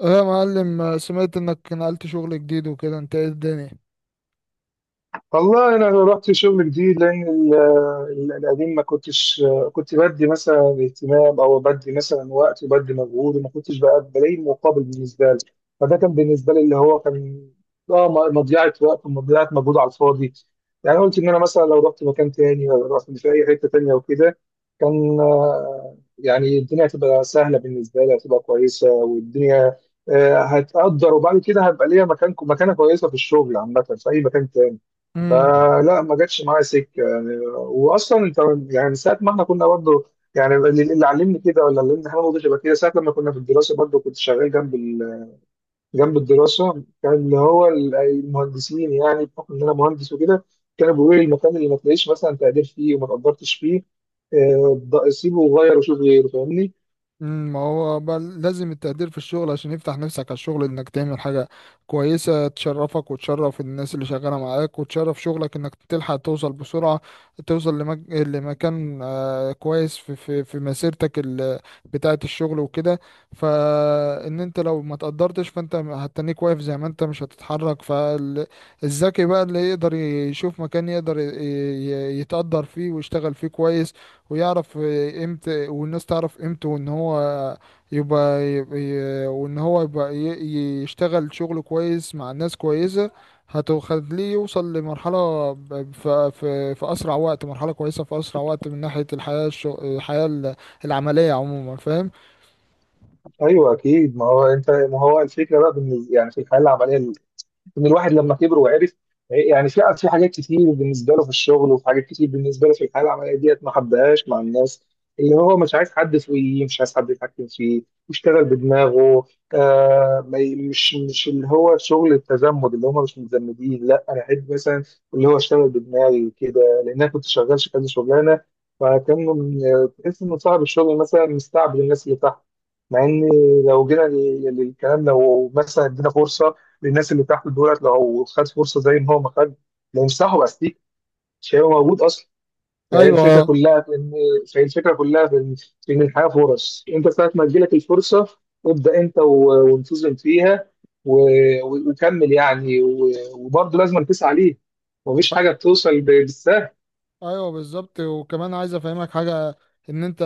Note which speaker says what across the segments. Speaker 1: ايه يا معلم، سمعت انك نقلت شغل جديد وكده، انت ايه الدنيا؟
Speaker 2: والله انا رحت شغل جديد لان القديم ما كنتش كنت بدي مثلا اهتمام او بدي مثلا وقت وبدي مجهود، وما كنتش بقى بلاقي مقابل بالنسبه لي. فده كان بالنسبه لي اللي هو كان مضيعه وقت ومضيعه مجهود على الفاضي. يعني قلت ان انا مثلا لو رحت مكان تاني ولا رحت في اي حته تانيه وكده، كان آه، يعني الدنيا هتبقى سهله بالنسبه لي، هتبقى كويسه، والدنيا آه، هتقدر. وبعد كده هبقى ليا مكان، مكانه كويسه في الشغل عامه في اي مكان تاني.
Speaker 1: امم.
Speaker 2: فلا ما جاتش معايا سكه. يعني واصلا انت، يعني ساعه ما احنا كنا برضه، يعني اللي علمني كده، ولا اللي علمني حاجه برضه شبه كده ساعه لما كنا في الدراسه، برضه كنت شغال جنب جنب الدراسه، كان اللي هو المهندسين. يعني بحكم ان انا مهندس وكده، كانوا بيقولوا لي المكان اللي ما تلاقيش مثلا تقدير فيه وما تقدرتش فيه، آه، سيبه وغير وشوف غيره. فاهمني؟
Speaker 1: مم، ما هو بل لازم التقدير في الشغل عشان يفتح نفسك على الشغل انك تعمل حاجة كويسة تشرفك وتشرف الناس اللي شغالة معاك وتشرف شغلك انك تلحق توصل بسرعة، توصل لمكان كويس في مسيرتك بتاعة الشغل وكده. فان انت لو ما تقدرتش فانت هتنيك واقف زي ما انت، مش هتتحرك. فالذكي بقى اللي يقدر يشوف مكان يقدر يتقدر فيه ويشتغل فيه كويس، ويعرف امتى والناس تعرف قيمته، وان هو يبقى, يبقى يبقى يشتغل شغل كويس مع ناس كويسة هتخليه يوصل لمرحلة في أسرع وقت، مرحلة كويسة في أسرع وقت، من ناحية الحياة العملية عموما، فاهم؟
Speaker 2: ايوه اكيد. ما هو انت، ما هو الفكره بقى بالنسبه يعني في الحياه العمليه، ان الواحد لما كبر وعرف، يعني في حاجات كتير بالنسبه له في الشغل، وفي حاجات كتير بالنسبه له في الحياه العمليه ديت ما حبهاش مع الناس. اللي هو مش عايز حد فوقيه، مش عايز حد يتحكم فيه، يشتغل بدماغه. آه، ما ي- مش اللي هو شغل التزمت اللي هم مش متزمدين. لا، انا احب مثلا اللي هو اشتغل بدماغي وكده. لان انا كنت شغال كذا شغلانه، فكان تحس ان صاحب الشغل مثلا مستعبد الناس اللي تحت. مع ان لو جينا للكلام، لو مثلا ادينا فرصه للناس اللي تحت دولت، لو خد فرصه زي ما هو ما خد، لو مسحوا استيك مش هيبقى موجود اصلا. فهي الفكره
Speaker 1: أيوه.
Speaker 2: كلها في ان فهي الفكره كلها في ان في ان الحياه فرص. انت ساعه ما تجيلك الفرصه، ابدا انت وانتظم فيها، وكمل يعني، وبرضه لازم تسعى ليه. مفيش حاجه بتوصل بالسهل.
Speaker 1: ايوه بالظبط. وكمان عايز افهمك حاجه، ان انت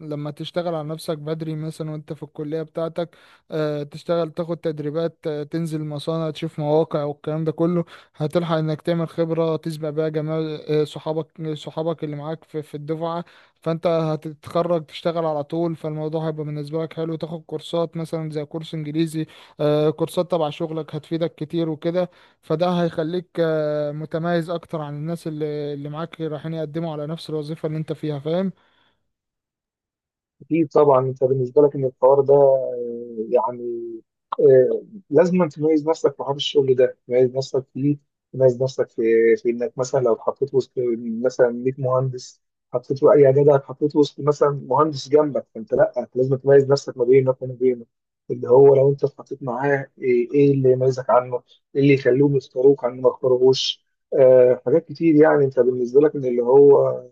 Speaker 1: لما تشتغل على نفسك بدري، مثلا وانت في الكليه بتاعتك، تشتغل تاخد تدريبات، تنزل مصانع تشوف مواقع والكلام ده كله، هتلحق انك تعمل خبره تسبق بيها جمال صحابك، اللي معاك في الدفعه. فانت هتتخرج تشتغل على طول، فالموضوع هيبقى بالنسبه لك حلو. تاخد كورسات مثلا زي كورس انجليزي، كورسات تبع شغلك هتفيدك كتير وكده. فده هيخليك متميز اكتر عن الناس اللي معاك رايحين يقدموا على نفس الوظيفة اللي انت فيها، فاهم؟
Speaker 2: أكيد طبعا. أنت بالنسبة لك إن الحوار ده آه، يعني، آه، لازم أن تميز نفسك في حوار الشغل ده، تميز نفسك فيه، تميز نفسك في إنك مثلا لو اتحطيت وسط مثلا 100 مهندس، حطيت له أي جدع اتحطيت وسط مثلا مهندس جنبك، فأنت لأ لازم تميز نفسك ما بينك وما بينه. اللي هو لو أنت اتحطيت معاه، إيه اللي يميزك عنه؟ إيه اللي يخليهم يختاروك عنه ما يختاروهوش؟ آه، حاجات كتير. يعني أنت بالنسبة لك إن اللي هو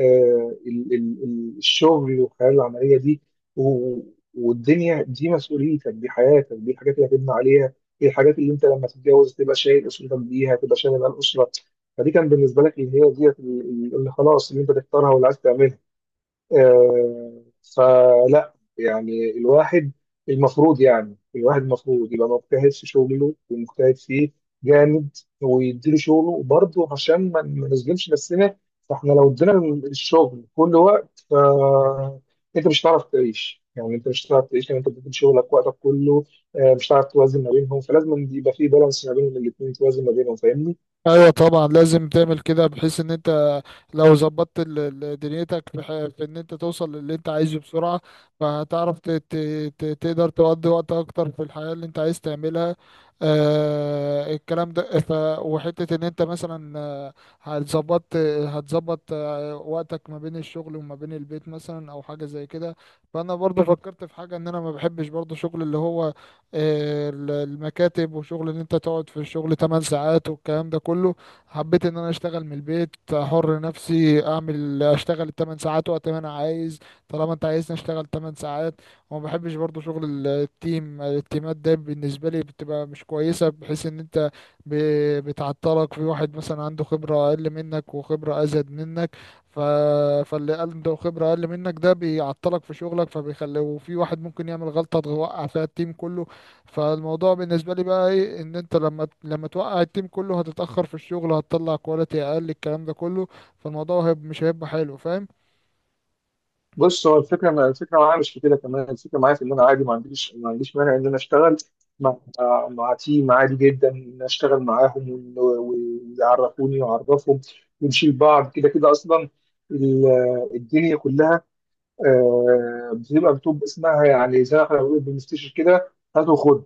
Speaker 2: آه، الشغل والحياه العمليه دي و- والدنيا دي مسؤوليتك، دي حياتك، دي الحاجات اللي هتبني عليها، دي الحاجات اللي انت لما تتجوز تبقى شايل اسرتك بيها، تبقى شايل الاسره. فدي كان بالنسبه لك اللي هي ديت، اللي اللي خلاص اللي انت تختارها واللي عايز تعملها. آه، فلا يعني الواحد المفروض، يعني الواحد المفروض يبقى مجتهد في شغله ومجتهد فيه جامد، ويديله شغله برضه عشان ما نظلمش نفسنا. فاحنا لو ادينا الشغل كل وقت، ف انت مش هتعرف تعيش. يعني انت مش هتعرف تعيش لو انت بتدي شغلك وقتك كله. آه، مش هتعرف توازن ما بينهم، فلازم يبقى في بالانس ما بين الاثنين، توازن ما بينهم. فاهمني؟
Speaker 1: ايوه طبعا لازم تعمل كده، بحيث ان انت لو ظبطت دنيتك في ان انت توصل للي انت عايزه بسرعة، فهتعرف تقدر تقضي وقت اكتر في الحياة اللي انت عايز تعملها، الكلام ده. وحتة ان انت مثلا هتظبط هتظبط وقتك ما بين الشغل وما بين البيت، مثلا او حاجة زي كده. فانا برضو فكرت في حاجة، ان انا ما بحبش برضو شغل اللي هو المكاتب، وشغل ان انت تقعد في الشغل 8 ساعات والكلام ده كله. حبيت ان انا اشتغل من البيت، حر نفسي اعمل اشتغل 8 ساعات وقت ما انا عايز، طالما انت عايزني اشتغل 8 ساعات. وما بحبش برضو شغل التيمات ده، بالنسبه لي بتبقى مش كويسه، بحيث ان انت بتعطلك في واحد مثلا عنده خبره اقل منك، وخبره ازيد منك. ف... فاللي عنده خبره اقل منك ده بيعطلك في شغلك فبيخلي، وفي واحد ممكن يعمل غلطه توقع فيها التيم كله. فالموضوع بالنسبة لي بقى ايه، ان انت لما توقع التيم كله هتتأخر في الشغل، هتطلع كواليتي اقل، الكلام ده كله. فالموضوع مش هيبقى حلو، فاهم؟
Speaker 2: بص، هو الفكره، ما الفكره معايا مش في كده كمان. الفكره معايا في ان انا عادي، ما عنديش مانع ان انا اشتغل مع آه، مع تيم. عادي جدا ان أنا اشتغل معاهم، ويعرفوني واعرفهم ونشيل بعض كده. كده اصلا ال- الدنيا كلها آه، بتبقى اسمها، يعني زي ما احنا بنقول بنستشير كده، هات وخد.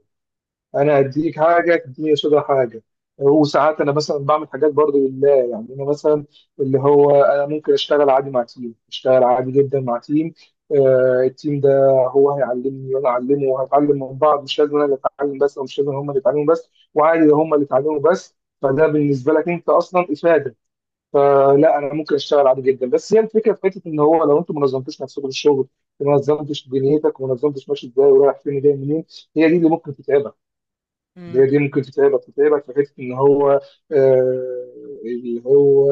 Speaker 2: انا اديك حاجه تديني قصادها حاجه. وساعات انا مثلا بعمل حاجات برضو لله. يعني انا مثلا اللي هو انا ممكن اشتغل عادي مع تيم، اشتغل عادي جدا مع تيم. آه، التيم ده هو هيعلمني وانا اعلمه، وهنتعلم من بعض. مش لازم انا اللي اتعلم بس، او مش لازم هم اللي يتعلموا بس، وعادي لو هم اللي اتعلموا بس. فده بالنسبه لك انت اصلا افاده. فلا انا ممكن اشتغل عادي جدا، بس هي الفكره في حته ان هو لو انت ما نظمتش نفسك في الشغل، ما نظمتش دنيتك، وما نظمتش ماشي ازاي ورايح فين وجاي منين، هي دي اللي ممكن تتعبك. هي دي ممكن تتعبك، تتعبك في حته ان هو آه، اللي هو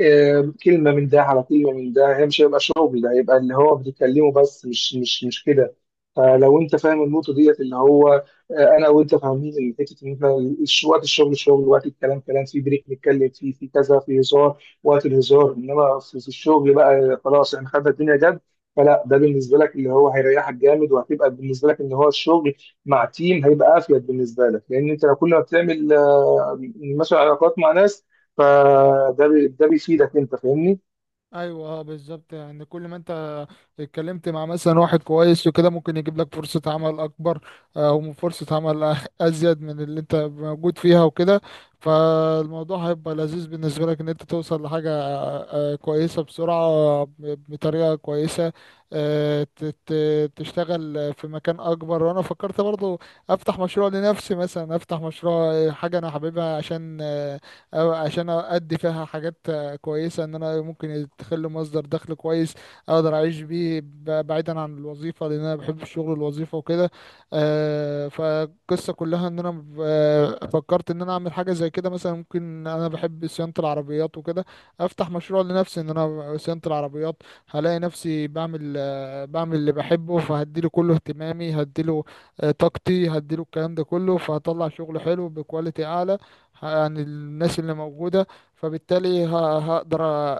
Speaker 2: آه، كلمة من ده على كلمة من ده، هي مش هيبقى شغل، ده هيبقى اللي هو بتتكلمه بس، مش كده. فلو انت فاهم النقطة ديت اللي هو آه، انا وانت فاهمين ان حتة ان انت وقت الشغل شغل، وقت الكلام كلام، في بريك نتكلم فيه في كذا، في هزار وقت الهزار، انما في الشغل بقى خلاص احنا خدنا الدنيا جد. فلا ده بالنسبة لك اللي هو هيريحك جامد، وهتبقى بالنسبة لك ان هو الشغل مع تيم هيبقى افيد بالنسبة لك. لان انت لو كل ما بتعمل آه، مثلا علاقات مع ناس، ده بيفيدك انت. فاهمني؟
Speaker 1: ايوه، اه، بالظبط. يعني كل ما انت اتكلمت مع مثلا واحد كويس وكده ممكن يجيب لك فرصة عمل اكبر، او فرصة عمل ازيد من اللي انت موجود فيها وكده. فالموضوع هيبقى لذيذ بالنسبة لك، ان انت توصل لحاجة كويسة بسرعة، بطريقة كويسة، تشتغل في مكان اكبر. وانا فكرت برضو افتح مشروع لنفسي، مثلا افتح مشروع حاجة انا حاببها، عشان أو عشان ادي فيها حاجات كويسة، ان انا ممكن يدخل لي مصدر دخل كويس اقدر اعيش بيه بعيدا عن الوظيفة، لان انا بحب الشغل الوظيفة وكده. فالقصة كلها ان انا فكرت ان انا اعمل حاجة زي كده، مثلا ممكن انا بحب صيانة العربيات وكده، افتح مشروع لنفسي ان انا صيانة العربيات، هلاقي نفسي بعمل اللي بحبه، فهديله كله اهتمامي، هديله طاقتي، هديله الكلام ده كله. فهطلع شغل حلو بكواليتي اعلى عن الناس اللي موجودة، فبالتالي هقدر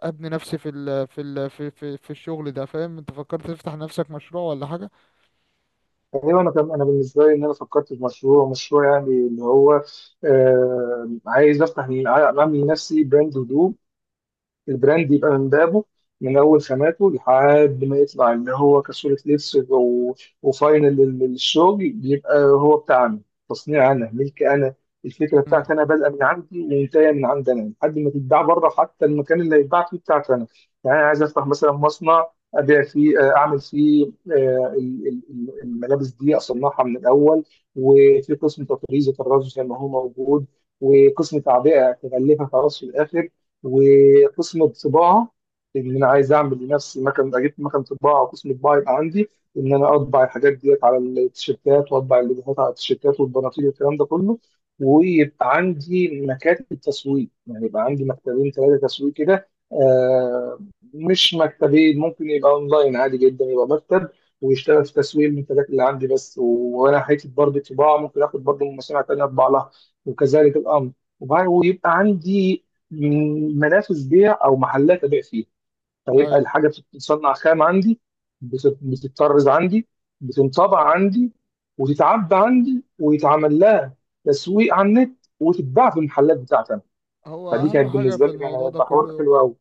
Speaker 1: ابني نفسي في ال في ال في في, في الشغل ده، فاهم؟ انت فكرت تفتح نفسك مشروع ولا حاجه؟
Speaker 2: ايوه. انا كان انا بالنسبه لي، ان انا فكرت في مشروع، مشروع يعني اللي هو آه، عايز اعمل لنفسي براند هدوم. البراند يبقى من بابه، من اول خاماته لحد ما يطلع اللي هو كصوره لبس، وفاينل للشغل، بيبقى هو بتاعنا. تصنيع انا، ملك انا. الفكره
Speaker 1: امم.
Speaker 2: بتاعتي انا، بادئه من عندي ومنتهيه من عند انا لحد ما تتباع بره. حتى المكان اللي هيتباع فيه بتاعتي انا. يعني انا عايز افتح مثلا مصنع ابيع فيه، آه، اعمل فيه آه، الملابس دي اصنعها من الاول. وفي قسم تطريز وطراز زي ما هو موجود، وقسم تعبئه تغلفها خلاص في الاخر، وقسم الطباعه. ان انا عايز اعمل لنفسي مكان، اجيب مكان طباعه، وقسم طباعه يبقى عندي، ان انا اطبع الحاجات ديت على التيشيرتات، واطبع اللوجوهات على التيشيرتات والبناطيل والكلام ده كله. ويبقى عندي مكاتب تسويق. يعني يبقى عندي مكتبين ثلاثه تسويق كده، آه، مش مكتبين، ممكن يبقى اونلاين عادي جدا، يبقى مكتب ويشتغل في تسويق المنتجات اللي عندي بس. وانا حته برضه طباعه ممكن اخد برضه من مصانع تانيه اطبع لها وكذلك الامر. ويبقى عندي منافس بيع او محلات ابيع فيها. فيبقى
Speaker 1: ايوه،
Speaker 2: الحاجه بتتصنع خام عندي، بتتطرز عندي، بتنطبع عندي، وتتعبى عندي، ويتعمل لها تسويق على النت، وتتباع في المحلات بتاعتي أنا.
Speaker 1: هو
Speaker 2: فدي
Speaker 1: اهم
Speaker 2: كانت
Speaker 1: حاجه
Speaker 2: بالنسبه
Speaker 1: في
Speaker 2: لي كانت
Speaker 1: الموضوع ده
Speaker 2: هتبقى حوار
Speaker 1: كله.
Speaker 2: حلو قوي.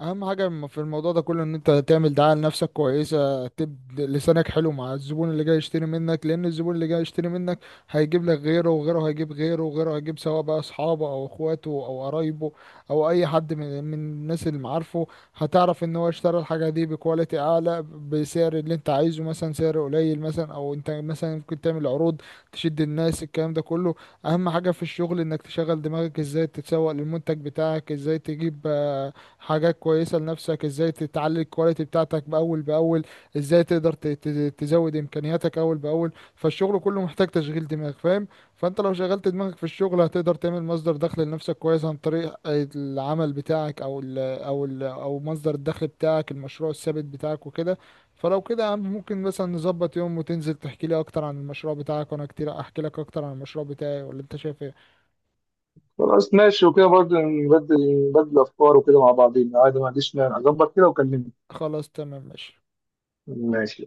Speaker 1: اهم حاجه في الموضوع ده كله، ان انت تعمل دعايه لنفسك كويسه، تبدا لسانك حلو مع الزبون اللي جاي يشتري منك، لان الزبون اللي جاي يشتري منك هيجيب لك غيره، وغيره هيجيب غيره، وغيره هيجيب، سواء بقى اصحابه او اخواته او قرايبه او اي حد من الناس اللي معارفه. هتعرف ان هو اشترى الحاجه دي بكواليتي اعلى، بسعر اللي انت عايزه، مثلا سعر قليل، مثلا او انت مثلا ممكن تعمل عروض تشد الناس، الكلام ده كله. اهم حاجه في الشغل انك تشغل دماغك، ازاي تتسوق للمنتج بتاعك، ازاي تجيب حاجات كويسة لنفسك، ازاي تتعلي الكواليتي بتاعتك بأول بأول، ازاي تقدر تزود امكانياتك أول بأول. فالشغل كله محتاج تشغيل دماغ، فاهم؟ فانت لو شغلت دماغك في الشغل هتقدر تعمل مصدر دخل لنفسك كويس عن طريق العمل بتاعك، او مصدر الدخل بتاعك، المشروع الثابت بتاعك وكده. فلو كده يا عم ممكن مثلا نظبط يوم، وتنزل تحكي لي اكتر عن المشروع بتاعك، وانا كتير احكي لك اكتر عن المشروع بتاعي، ولا انت شايف ايه؟
Speaker 2: خلاص ماشي. وكده برضه نبدل، نبدل افكار وكده مع بعضين عادي، ما عنديش مانع. اظبط كده وكلمني.
Speaker 1: خلاص، تمام، ماشي.
Speaker 2: ماشي.